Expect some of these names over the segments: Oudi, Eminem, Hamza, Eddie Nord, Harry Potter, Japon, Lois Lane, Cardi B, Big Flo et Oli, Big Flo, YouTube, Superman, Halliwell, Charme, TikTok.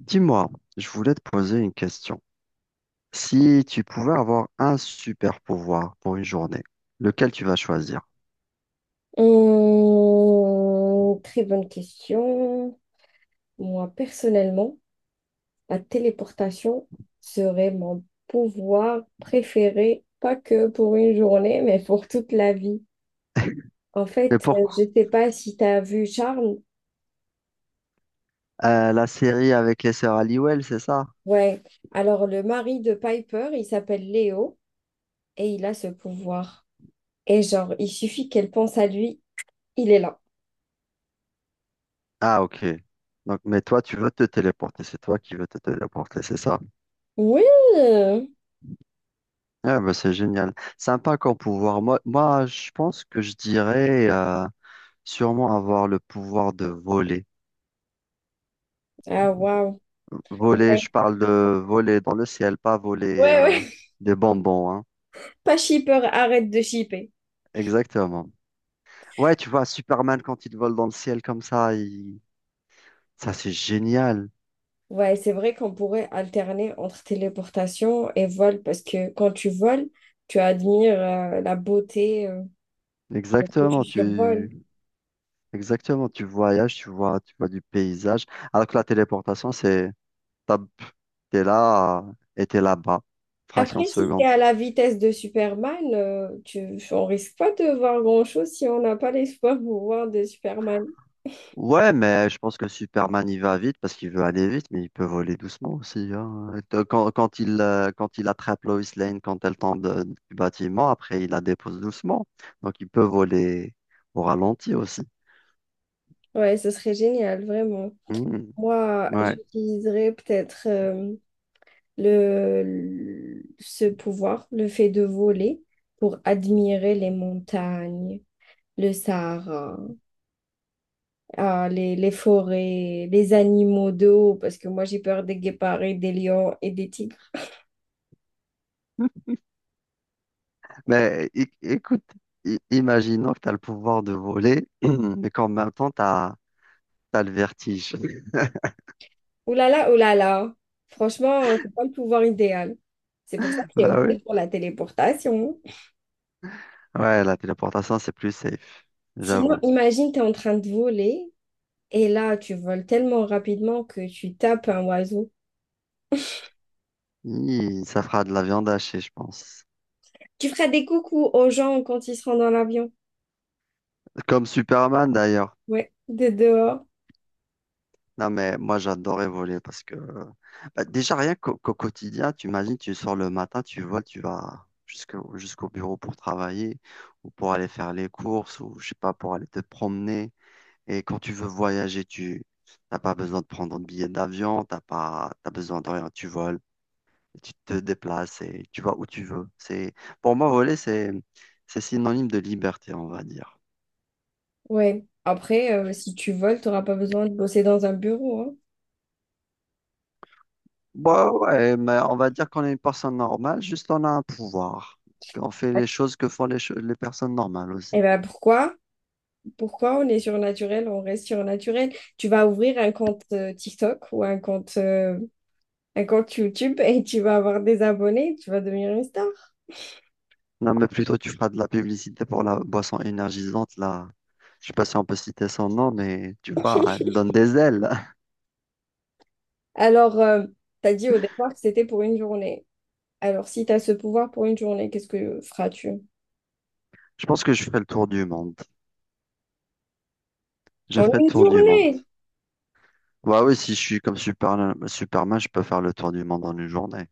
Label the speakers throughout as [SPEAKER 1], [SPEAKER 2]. [SPEAKER 1] Dis-moi, je voulais te poser une question. Si tu pouvais avoir un super pouvoir pour une journée, lequel tu vas choisir?
[SPEAKER 2] Très bonne question. Moi, personnellement, la téléportation serait mon pouvoir préféré, pas que pour une journée, mais pour toute la vie. En
[SPEAKER 1] Mais
[SPEAKER 2] fait, je
[SPEAKER 1] pourquoi
[SPEAKER 2] ne sais pas si tu as vu Charme.
[SPEAKER 1] La série avec les sœurs Halliwell, c'est ça?
[SPEAKER 2] Ouais. Alors, le mari de Piper, il s'appelle Léo et il a ce pouvoir. Et genre, il suffit qu'elle pense à lui, il est là.
[SPEAKER 1] Ah, ok. Donc, mais toi, tu veux te téléporter. C'est toi qui veux te téléporter, c'est ça?
[SPEAKER 2] Oui!
[SPEAKER 1] Ah, bah, c'est génial. Sympa comme pouvoir. Moi, je pense que je dirais sûrement avoir le pouvoir de voler.
[SPEAKER 2] Ah, waouh!
[SPEAKER 1] Voler, je
[SPEAKER 2] Ouais,
[SPEAKER 1] parle de voler dans le ciel, pas voler
[SPEAKER 2] ouais, ouais.
[SPEAKER 1] des bonbons, hein.
[SPEAKER 2] Pas shipper, arrête de shipper.
[SPEAKER 1] Exactement. Ouais, tu vois, Superman, quand il vole dans le ciel comme ça, ça c'est génial.
[SPEAKER 2] Ouais, c'est vrai qu'on pourrait alterner entre téléportation et vol parce que quand tu voles, tu admires la beauté de ce que tu
[SPEAKER 1] Exactement,
[SPEAKER 2] survoles.
[SPEAKER 1] tu... Exactement, tu voyages, tu vois du paysage. Alors que la téléportation, c'est, t'as- t'es là et t'es là-bas, fraction de
[SPEAKER 2] Après, si c'est
[SPEAKER 1] seconde.
[SPEAKER 2] à la vitesse de Superman, on risque pas de voir grand-chose si on n'a pas l'espoir de voir de Superman.
[SPEAKER 1] Ouais, mais je pense que Superman, il va vite parce qu'il veut aller vite, mais il peut voler doucement aussi, hein. Quand il, quand il attrape Lois Lane, quand elle tombe du bâtiment, après, il la dépose doucement. Donc, il peut voler au ralenti aussi.
[SPEAKER 2] Ouais, ce serait génial, vraiment.
[SPEAKER 1] Mhm.
[SPEAKER 2] Moi,
[SPEAKER 1] Ouais.
[SPEAKER 2] j'utiliserais peut-être ce pouvoir, le fait de voler, pour admirer les montagnes, le Sahara. Les forêts, les animaux d'eau, parce que moi j'ai peur des guépards et des lions et des tigres.
[SPEAKER 1] Mais écoute, imaginons que tu as le pouvoir de voler, mais qu'en même temps, tu as le vertige.
[SPEAKER 2] Ouh là là, ouh là là. Franchement, c'est pas le pouvoir idéal. C'est pour ça que j'ai
[SPEAKER 1] Bah
[SPEAKER 2] opté
[SPEAKER 1] oui.
[SPEAKER 2] pour la téléportation.
[SPEAKER 1] Ouais, la téléportation, c'est plus safe,
[SPEAKER 2] Sinon,
[SPEAKER 1] j'avoue.
[SPEAKER 2] imagine, tu es en train de voler et là, tu voles tellement rapidement que tu tapes un oiseau.
[SPEAKER 1] Hi, ça fera de la viande hachée, je pense.
[SPEAKER 2] Tu feras des coucous aux gens quand ils seront dans l'avion.
[SPEAKER 1] Comme Superman, d'ailleurs.
[SPEAKER 2] Ouais, de dehors.
[SPEAKER 1] Non, mais moi, j'adorais voler parce que bah, déjà, rien qu'au quotidien, tu imagines, tu sors le matin, tu voles, tu vas jusqu'au bureau pour travailler ou pour aller faire les courses ou, je sais pas, pour aller te promener. Et quand tu veux voyager, tu n'as pas besoin de prendre un billet d'avion, t'as besoin de rien. Tu voles, tu te déplaces et tu vas où tu veux. C'est, pour moi, voler, c'est synonyme de liberté, on va dire.
[SPEAKER 2] Ouais. Après, si tu voles, tu n'auras pas besoin de bosser dans un bureau, hein.
[SPEAKER 1] Bah ouais, mais on va dire qu'on est une personne normale, juste on a un pouvoir. On fait les choses que font les personnes normales aussi.
[SPEAKER 2] Et ben pourquoi? Pourquoi on est surnaturel, on reste surnaturel. Tu vas ouvrir un compte TikTok ou un compte YouTube et tu vas avoir des abonnés, tu vas devenir une star.
[SPEAKER 1] Non, mais plutôt tu feras de la publicité pour la boisson énergisante, là. Je sais pas si on peut citer son nom, mais tu vois, elle donne des ailes.
[SPEAKER 2] Alors, tu as dit au départ que c'était pour une journée. Alors, si tu as ce pouvoir pour une journée, qu'est-ce que feras-tu?
[SPEAKER 1] Je pense que je fais le tour du monde. J'ai
[SPEAKER 2] En
[SPEAKER 1] fait le
[SPEAKER 2] une
[SPEAKER 1] tour du monde.
[SPEAKER 2] journée!
[SPEAKER 1] Bah oui, si je suis comme Superman, je peux faire le tour du monde en une journée.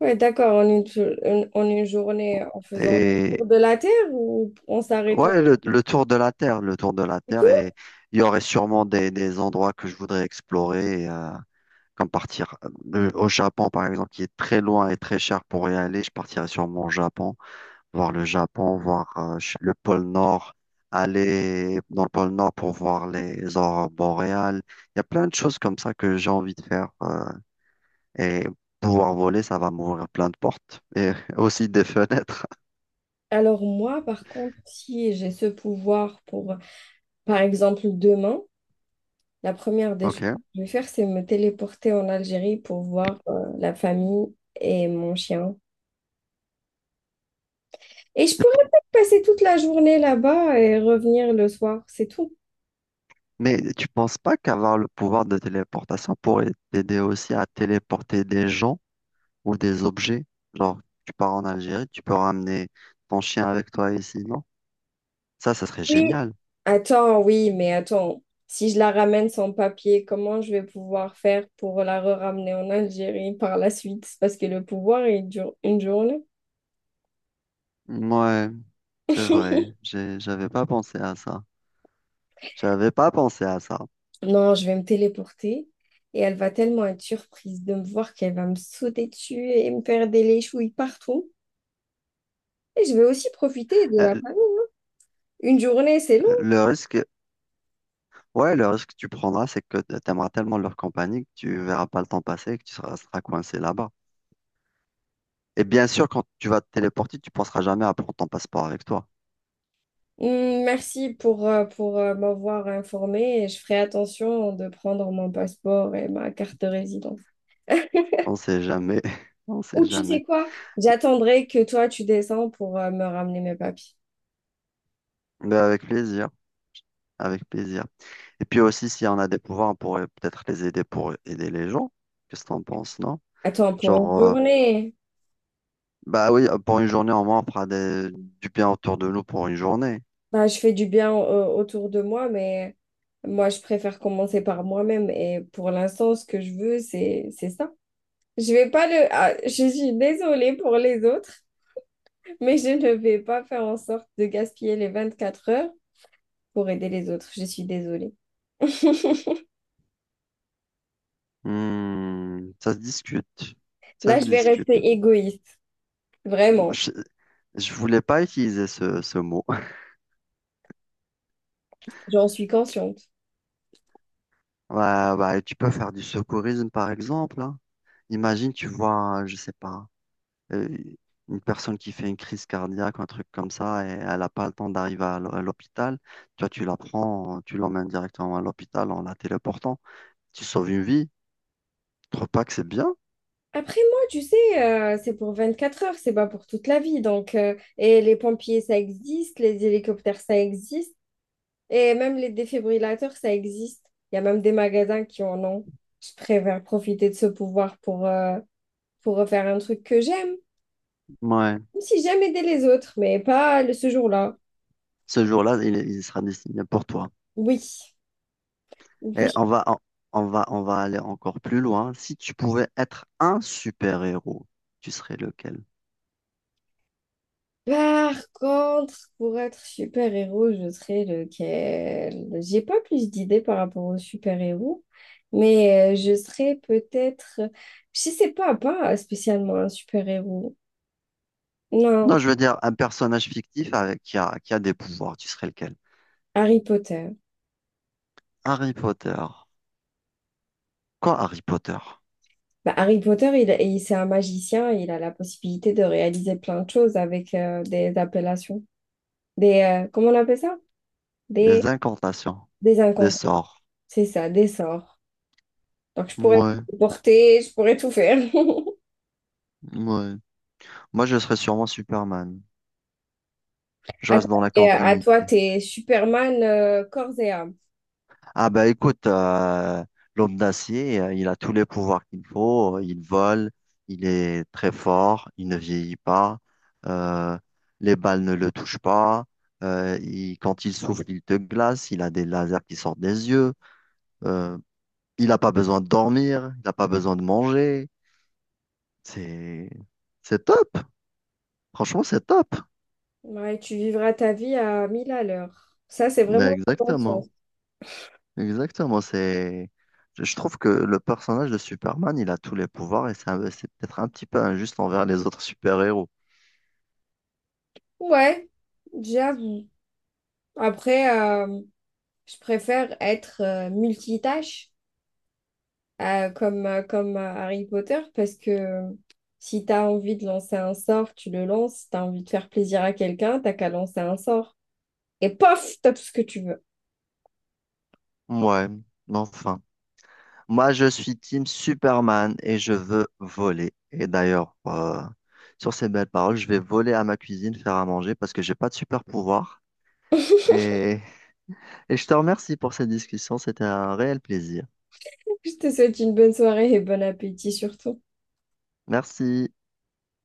[SPEAKER 2] Ouais, d'accord, en une journée, en faisant le
[SPEAKER 1] Et
[SPEAKER 2] tour de la Terre ou en s'arrêtant
[SPEAKER 1] ouais, le tour de la Terre, le tour de la
[SPEAKER 2] et
[SPEAKER 1] Terre,
[SPEAKER 2] tout.
[SPEAKER 1] et il y aurait sûrement des endroits que je voudrais explorer, comme partir au Japon, par exemple, qui est très loin et très cher pour y aller. Je partirais sûrement au Japon, voir le Japon, voir le pôle Nord, aller dans le pôle Nord pour voir les aurores boréales. Il y a plein de choses comme ça que j'ai envie de faire. Et pouvoir voler, ça va m'ouvrir plein de portes et aussi des fenêtres.
[SPEAKER 2] Alors moi, par contre, si j'ai ce pouvoir pour, par exemple, demain, la première des choses que
[SPEAKER 1] OK.
[SPEAKER 2] je vais faire, c'est me téléporter en Algérie pour voir la famille et mon chien. Et je pourrais peut-être passer toute la journée là-bas et revenir le soir, c'est tout.
[SPEAKER 1] Mais tu penses pas qu'avoir le pouvoir de téléportation pourrait t'aider aussi à téléporter des gens ou des objets? Genre, tu pars en Algérie, tu peux ramener ton chien avec toi ici, non? Ça serait
[SPEAKER 2] Oui.
[SPEAKER 1] génial.
[SPEAKER 2] Attends, oui, mais attends, si je la ramène sans papier, comment je vais pouvoir faire pour la re-ramener en Algérie par la suite? Parce que le pouvoir, il dure une journée.
[SPEAKER 1] Ouais, c'est vrai. J'avais pas pensé à ça. J'avais pas pensé à ça.
[SPEAKER 2] Non, je vais me téléporter et elle va tellement être surprise de me voir qu'elle va me sauter dessus et me faire des léchouilles partout. Et je vais aussi profiter de la
[SPEAKER 1] Euh,
[SPEAKER 2] famille. Une journée, c'est long.
[SPEAKER 1] Le risque, ouais, le risque que tu prendras, c'est que t'aimeras tellement leur compagnie que tu verras pas le temps passer et que tu seras coincé là-bas. Et bien sûr, quand tu vas te téléporter, tu penseras jamais à prendre ton passeport avec toi.
[SPEAKER 2] Merci pour m'avoir informée et je ferai attention de prendre mon passeport et ma carte de résidence.
[SPEAKER 1] On sait jamais. On sait
[SPEAKER 2] Ou tu
[SPEAKER 1] jamais.
[SPEAKER 2] sais quoi? J'attendrai que toi tu descends pour me ramener mes papiers.
[SPEAKER 1] Mais avec plaisir. Avec plaisir. Et puis aussi, si on a des pouvoirs, on pourrait peut-être les aider pour aider les gens. Qu'est-ce que t'en penses, non?
[SPEAKER 2] Attends, pour une
[SPEAKER 1] Genre,
[SPEAKER 2] journée,
[SPEAKER 1] bah oui, pour une journée, au moins, on fera du bien autour de nous pour une journée.
[SPEAKER 2] bah, je fais du bien autour de moi, mais moi, je préfère commencer par moi-même. Et pour l'instant, ce que je veux, c'est ça. Je vais pas le... ah, je suis désolée pour les autres, mais je ne vais pas faire en sorte de gaspiller les 24 heures pour aider les autres. Je suis désolée.
[SPEAKER 1] Hmm, ça se discute. Ça
[SPEAKER 2] Là,
[SPEAKER 1] se
[SPEAKER 2] je vais
[SPEAKER 1] discute.
[SPEAKER 2] rester égoïste, vraiment.
[SPEAKER 1] Je, je voulais pas utiliser ce mot.
[SPEAKER 2] J'en suis consciente.
[SPEAKER 1] Ouais, bah, tu peux faire du secourisme, par exemple, hein. Imagine, tu vois, je sais pas. euh, une personne qui fait une crise cardiaque, un truc comme ça, et elle n'a pas le temps d'arriver à à l'hôpital, toi, tu la prends, tu l'emmènes directement à l'hôpital en la téléportant. Tu sauves une vie. Tu trouves pas que c'est bien?
[SPEAKER 2] Après, moi, tu sais, c'est pour 24 heures, c'est pas pour toute la vie. Donc, et les pompiers, ça existe, les hélicoptères, ça existe, et même les défibrillateurs, ça existe. Il y a même des magasins qui en ont. Je préfère profiter de ce pouvoir pour faire un truc que j'aime.
[SPEAKER 1] Ouais.
[SPEAKER 2] Même si j'aime aider les autres, mais pas le- ce jour-là.
[SPEAKER 1] Ce jour-là, il sera destiné pour toi.
[SPEAKER 2] Oui,
[SPEAKER 1] Et
[SPEAKER 2] oui.
[SPEAKER 1] on va aller encore plus loin. Si tu pouvais être un super-héros, tu serais lequel?
[SPEAKER 2] Par contre, pour être super-héros, je serais lequel? J'ai pas plus d'idées par rapport aux super-héros, mais je serais peut-être, je sais pas, pas spécialement un super-héros. Non,
[SPEAKER 1] Non, je veux dire un personnage fictif qui a des pouvoirs. Tu serais lequel?
[SPEAKER 2] Harry Potter.
[SPEAKER 1] Harry Potter. Quoi Harry Potter?
[SPEAKER 2] Bah, Harry Potter, c'est un magicien, il a la possibilité de réaliser plein de choses avec des appellations, comment on appelle ça? Des,
[SPEAKER 1] Des incantations,
[SPEAKER 2] des
[SPEAKER 1] des
[SPEAKER 2] incantations.
[SPEAKER 1] sorts.
[SPEAKER 2] C'est ça, des sorts. Donc je pourrais
[SPEAKER 1] Ouais,
[SPEAKER 2] porter, je pourrais tout faire.
[SPEAKER 1] ouais. Moi, je serais sûrement Superman. Je
[SPEAKER 2] À toi,
[SPEAKER 1] reste dans la continuité.
[SPEAKER 2] t'es Superman corps et âme.
[SPEAKER 1] Ah bah écoute, l'homme d'acier, il a tous les pouvoirs qu'il faut, Il vole, il est très fort, il ne vieillit pas, euh, les balles ne le touchent pas. Quand il souffle, il te glace. Il a des lasers qui sortent des yeux. Euh, il n'a pas besoin de dormir, il n'a pas besoin de manger. C'est c'est top. Franchement, c'est top.
[SPEAKER 2] Ouais, tu vivras ta vie à 1000 à l'heure. Ça, c'est
[SPEAKER 1] Mais
[SPEAKER 2] vraiment le bon sens.
[SPEAKER 1] exactement. Exactement. C'est je trouve que le personnage de Superman, il a tous les pouvoirs et c'est peut-être un petit peu injuste envers les autres super-héros.
[SPEAKER 2] Ouais, j'avoue. Après, je préfère être multitâche comme Harry Potter parce que si tu as envie de lancer un sort, tu le lances. Si tu as envie de faire plaisir à quelqu'un, t'as qu'à lancer un sort. Et pof, t'as tout ce que tu veux.
[SPEAKER 1] Ouais, mais enfin. Moi, je suis team Superman et je veux voler. Et d'ailleurs, sur ces belles paroles, je vais voler à ma cuisine faire à manger parce que j'ai pas de super-pouvoir. Et, et je te remercie pour cette discussion. C'était un réel plaisir.
[SPEAKER 2] Je te souhaite une bonne soirée et bon appétit surtout.
[SPEAKER 1] Merci.